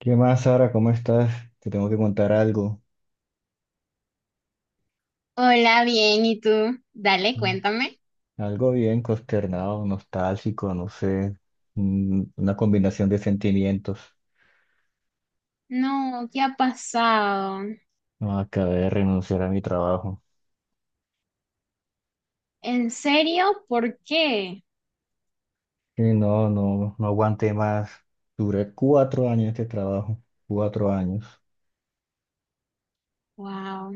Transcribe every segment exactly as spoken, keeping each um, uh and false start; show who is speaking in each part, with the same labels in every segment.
Speaker 1: ¿Qué más, Sara? ¿Cómo estás? Te tengo que contar algo.
Speaker 2: Hola, bien, ¿y tú? Dale,
Speaker 1: Mm.
Speaker 2: cuéntame.
Speaker 1: Algo bien consternado, nostálgico, no sé. mm, Una combinación de sentimientos.
Speaker 2: No, ¿qué ha pasado?
Speaker 1: No, acabé de renunciar a mi trabajo.
Speaker 2: ¿En serio? ¿Por qué?
Speaker 1: Y no, no, no aguanté más. Duré cuatro años en este trabajo. Cuatro años.
Speaker 2: Wow.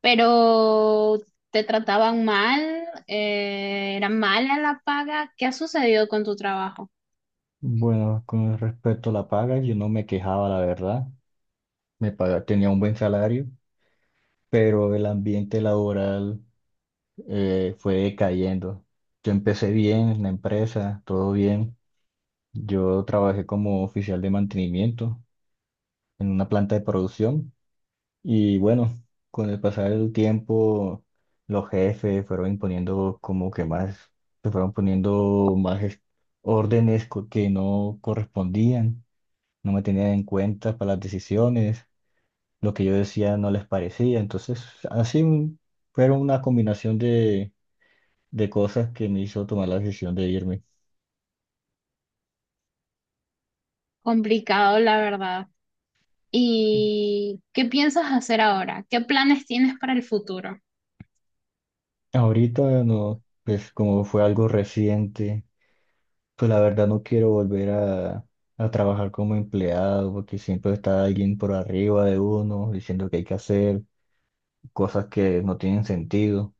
Speaker 2: Pero te trataban mal, Eh, era mala la paga. ¿Qué ha sucedido con tu trabajo?
Speaker 1: Bueno, con respecto a la paga, yo no me quejaba, la verdad. Me pagaba, tenía un buen salario, pero el ambiente laboral eh, fue decayendo. Yo empecé bien en la empresa, todo bien. Yo trabajé como oficial de mantenimiento en una planta de producción y bueno, con el pasar del tiempo los jefes fueron imponiendo como que más, se fueron poniendo más es- órdenes co- que no correspondían, no me tenían en cuenta para las decisiones, lo que yo decía no les parecía, entonces así un- fueron una combinación de, de cosas que me hizo tomar la decisión de irme.
Speaker 2: Complicado, la verdad. ¿Y qué piensas hacer ahora? ¿Qué planes tienes para el futuro?
Speaker 1: Ahorita no, pues como fue algo reciente. Pues la verdad no quiero volver a, a trabajar como empleado porque siempre está alguien por arriba de uno diciendo que hay que hacer cosas que no tienen sentido.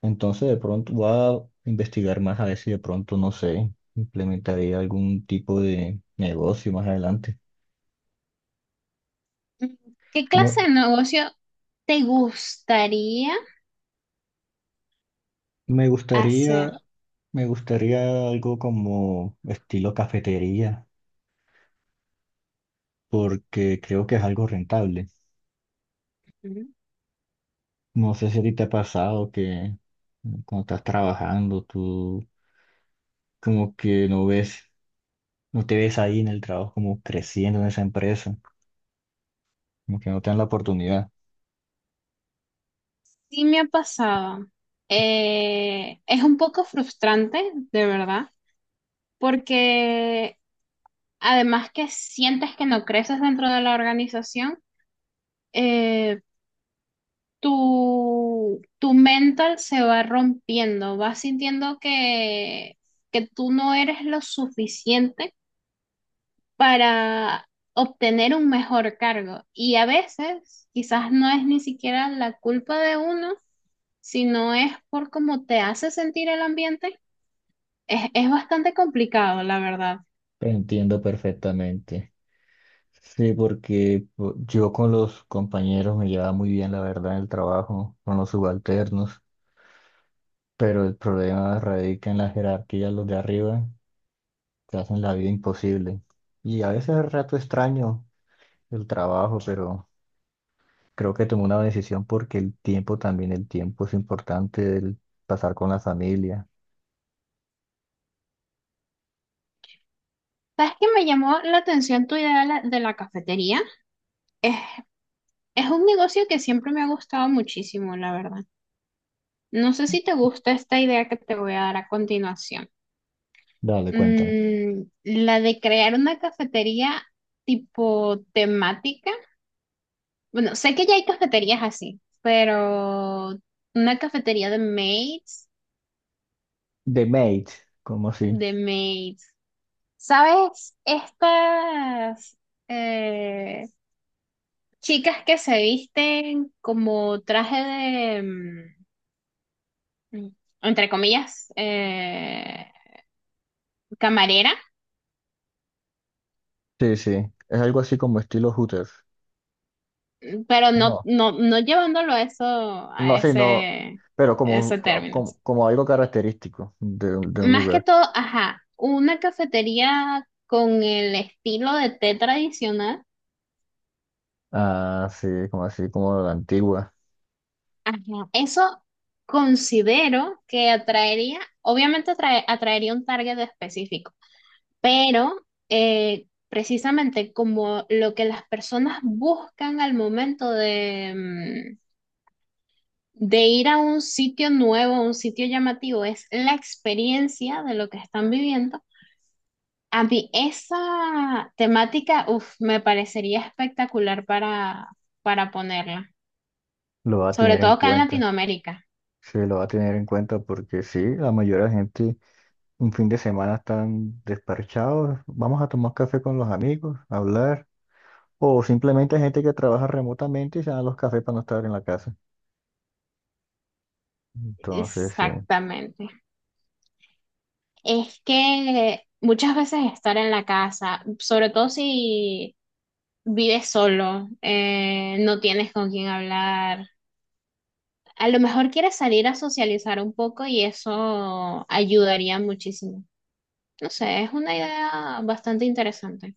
Speaker 1: Entonces de pronto voy a investigar más a ver si de pronto, no sé, implementaría algún tipo de negocio más adelante.
Speaker 2: ¿Qué
Speaker 1: No,
Speaker 2: clase de negocio te gustaría
Speaker 1: me gustaría,
Speaker 2: hacer?
Speaker 1: me gustaría algo como estilo cafetería porque creo que es algo rentable. No sé si a ti te ha pasado que cuando estás trabajando, tú como que no ves, no te ves ahí en el trabajo como creciendo en esa empresa, como que no te dan la oportunidad.
Speaker 2: Sí me ha pasado. Eh, es un poco frustrante, de verdad, porque además que sientes que no creces dentro de la organización, eh, tu, tu mental se va rompiendo, vas sintiendo que, que tú no eres lo suficiente para obtener un mejor cargo. Y a veces quizás no es ni siquiera la culpa de uno, sino es por cómo te hace sentir el ambiente. Es, es bastante complicado, la verdad.
Speaker 1: Te entiendo perfectamente. Sí, porque po- yo con los compañeros me llevaba muy bien, la verdad, en el trabajo, con los subalternos, pero el problema radica en la jerarquía, los de arriba te hacen la vida imposible. Y a veces es rato extraño el trabajo, pero creo que tomé una decisión porque el tiempo también, el tiempo es importante, el pasar con la familia.
Speaker 2: ¿Sabes qué me llamó la atención tu idea de la, de la cafetería? Es, es un negocio que siempre me ha gustado muchísimo, la verdad. No sé si te gusta esta idea que te voy a dar a continuación.
Speaker 1: Dale, cuéntame.
Speaker 2: Mm, la de crear una cafetería tipo temática. Bueno, sé que ya hay cafeterías así, pero una cafetería de maids,
Speaker 1: The Mate, como así?
Speaker 2: de maids. ¿Sabes? Estas... eh, Chicas que se visten como traje de, mm, entre comillas, eh, camarera,
Speaker 1: Sí, sí. Es algo así como estilo Hooters.
Speaker 2: pero no,
Speaker 1: No,
Speaker 2: no, no llevándolo a eso,
Speaker 1: no,
Speaker 2: a
Speaker 1: sí, no.
Speaker 2: ese,
Speaker 1: Pero como, un-
Speaker 2: ese
Speaker 1: co-
Speaker 2: término.
Speaker 1: como, como algo característico de, un- de un
Speaker 2: Más que
Speaker 1: lugar.
Speaker 2: todo, ajá, una cafetería con el estilo de té tradicional,
Speaker 1: Ah, sí, como así, como la antigua.
Speaker 2: ajá, eso considero que atraería, obviamente atrae- atraería un target específico. Pero eh, precisamente como lo que las personas buscan al momento de, mm, de ir a un sitio nuevo, a un sitio llamativo, es la experiencia de lo que están viviendo. A mí esa temática, uf, me parecería espectacular para, para ponerla,
Speaker 1: Lo va a
Speaker 2: sobre
Speaker 1: tener en
Speaker 2: todo acá en
Speaker 1: cuenta.
Speaker 2: Latinoamérica.
Speaker 1: Sí, lo va a tener en cuenta porque sí, la mayoría de gente un fin de semana están despachados. Vamos a tomar café con los amigos, hablar. O simplemente hay gente que trabaja remotamente y se dan los cafés para no estar en la casa. Entonces, sí.
Speaker 2: Exactamente. Es que muchas veces estar en la casa, sobre todo si vives solo, eh, no tienes con quién hablar. A lo mejor quieres salir a socializar un poco y eso ayudaría muchísimo. No sé, es una idea bastante interesante.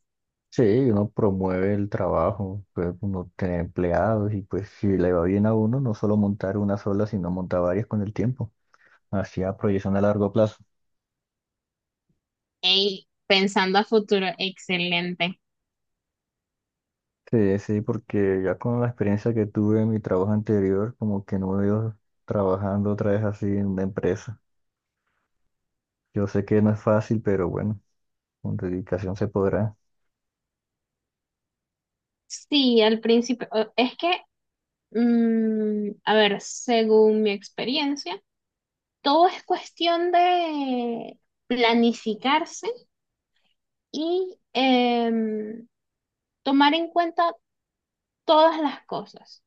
Speaker 1: Sí, uno promueve el trabajo, pues uno tiene empleados y pues si le va bien a uno, no solo montar una sola, sino montar varias con el tiempo. Hacia proyección a largo plazo.
Speaker 2: Ey, pensando a futuro, excelente.
Speaker 1: Sí, sí, porque ya con la experiencia que tuve en mi trabajo anterior, como que no me veo trabajando otra vez así en una empresa. Yo sé que no es fácil, pero bueno, con dedicación se podrá.
Speaker 2: Sí, al principio, o- es que, mm, a ver, según mi experiencia, todo es cuestión de planificarse y em, tomar en cuenta todas las cosas.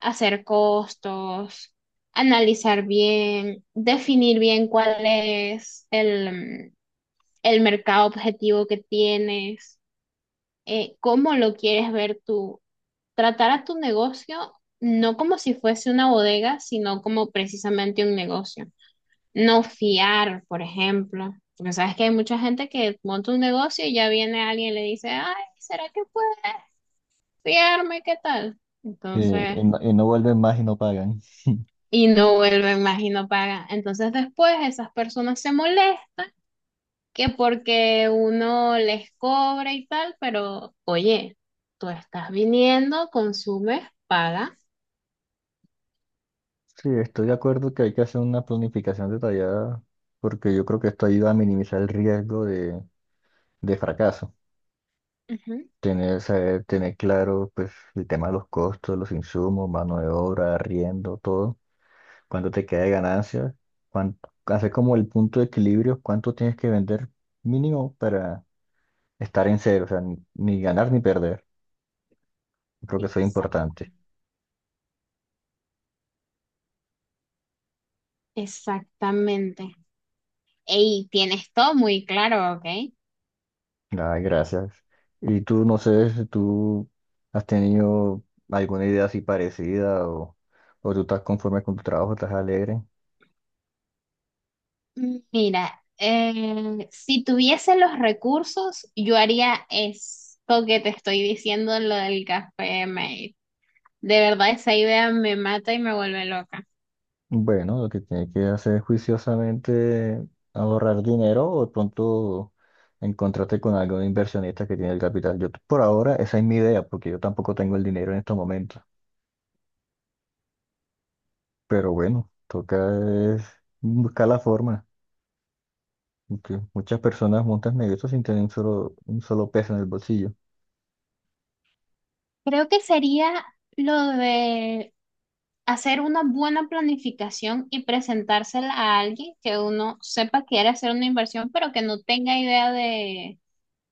Speaker 2: Hacer costos, analizar bien, definir bien cuál es el, mm, el mercado objetivo que tienes, eh, cómo lo quieres ver tú. Tratar a tu negocio no como si fuese una bodega, sino como precisamente un negocio. No fiar, por ejemplo. Porque sabes que hay mucha gente que monta un negocio y ya viene alguien y le dice, ay, ¿será que puedes fiarme? ¿Qué tal?
Speaker 1: Sí,
Speaker 2: Entonces,
Speaker 1: y no, y no vuelven más y no pagan.
Speaker 2: y no vuelven más y no pagan. Entonces después esas personas se molestan que porque uno les cobra y tal, pero oye, tú estás viniendo, consumes, pagas.
Speaker 1: Sí, estoy de acuerdo que hay que hacer una planificación detallada porque yo creo que esto ayuda a minimizar el riesgo de de fracaso.
Speaker 2: Ujú.
Speaker 1: Tener, saber, tener claro pues, el tema de los costos, los insumos, mano de obra, arriendo, todo. Cuánto te queda de ganancia. Cuánto, hacer como el punto de equilibrio, cuánto tienes que vender mínimo para estar en cero. O sea, ni, ni ganar ni perder. Creo que eso es
Speaker 2: Exact-
Speaker 1: importante.
Speaker 2: Exactamente. Y tienes todo muy claro, ¿ok?
Speaker 1: Ay, gracias. Y tú, no sé si tú has tenido alguna idea así parecida o, o tú estás conforme con tu trabajo, estás alegre.
Speaker 2: Mira, eh, si tuviese los recursos, yo haría esto que te estoy diciendo, lo del café mate. De verdad, esa idea me mata y me vuelve loca.
Speaker 1: Bueno, lo que tiene que hacer es juiciosamente ahorrar dinero o de pronto encontrarte con algún inversionista que tiene el capital. Yo por ahora esa es mi idea, porque yo tampoco tengo el dinero en estos momentos. Pero bueno, toca es buscar la forma, porque muchas personas montan negocios sin tener un solo, un solo peso en el bolsillo.
Speaker 2: Creo que sería lo de hacer una buena planificación y presentársela a alguien que uno sepa quiere hacer una inversión, pero que no tenga idea de,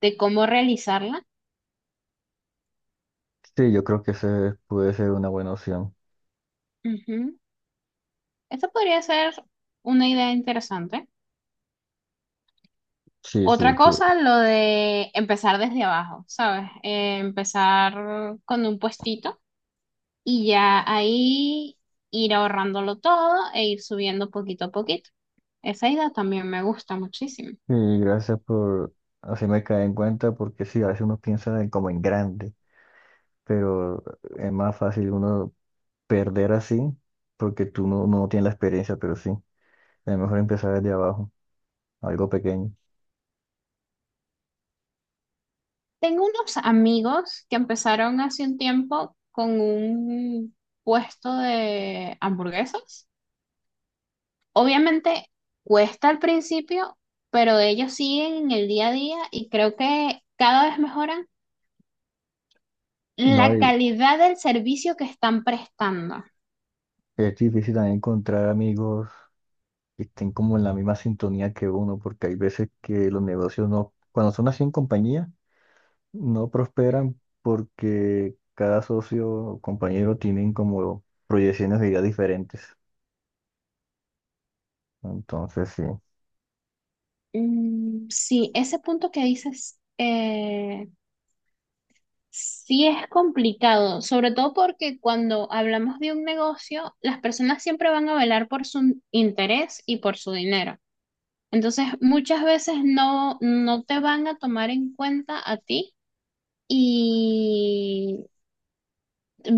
Speaker 2: de cómo realizarla.
Speaker 1: Sí, yo creo que esa puede ser una buena opción.
Speaker 2: Ujú. Esa podría ser una idea interesante.
Speaker 1: Sí, sí,
Speaker 2: Otra
Speaker 1: sí.
Speaker 2: cosa, lo de empezar desde abajo, ¿sabes? Eh, empezar con un puestito y ya ahí ir ahorrándolo todo e ir subiendo poquito a poquito. Esa idea también me gusta muchísimo.
Speaker 1: Y gracias por hacerme caer en cuenta, porque sí, a veces uno piensa en como en grande, pero es más fácil uno perder así porque tú no, no tienes la experiencia, pero sí, es mejor empezar desde abajo, algo pequeño.
Speaker 2: Tengo unos amigos que empezaron hace un tiempo con un puesto de hamburguesas. Obviamente cuesta al principio, pero ellos siguen en el día a día y creo que cada vez mejoran
Speaker 1: No,
Speaker 2: la
Speaker 1: y
Speaker 2: calidad del servicio que están prestando.
Speaker 1: es difícil también encontrar amigos que estén como en la misma sintonía que uno, porque hay veces que los negocios no, cuando son así en compañía, no prosperan porque cada socio o compañero tienen como proyecciones de vida diferentes. Entonces, sí,
Speaker 2: Mm, sí, ese punto que dices, eh, sí es complicado, sobre todo porque cuando hablamos de un negocio, las personas siempre van a velar por su interés y por su dinero. Entonces, muchas veces no, no te van a tomar en cuenta a ti y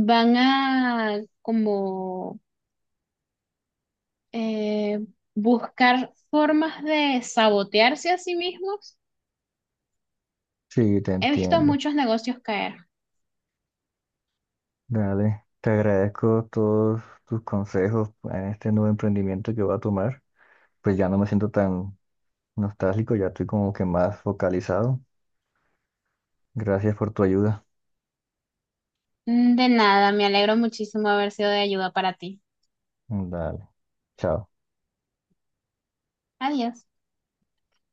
Speaker 2: van a como eh, buscar formas de sabotearse a sí mismos.
Speaker 1: sí, te
Speaker 2: He visto
Speaker 1: entiendo.
Speaker 2: muchos negocios caer.
Speaker 1: Dale, te agradezco todos tus consejos en este nuevo emprendimiento que voy a tomar. Pues ya no me siento tan nostálgico, ya estoy como que más focalizado. Gracias por tu ayuda.
Speaker 2: Mm, De nada, me alegro muchísimo haber sido de ayuda para ti.
Speaker 1: Dale, chao.
Speaker 2: Adiós.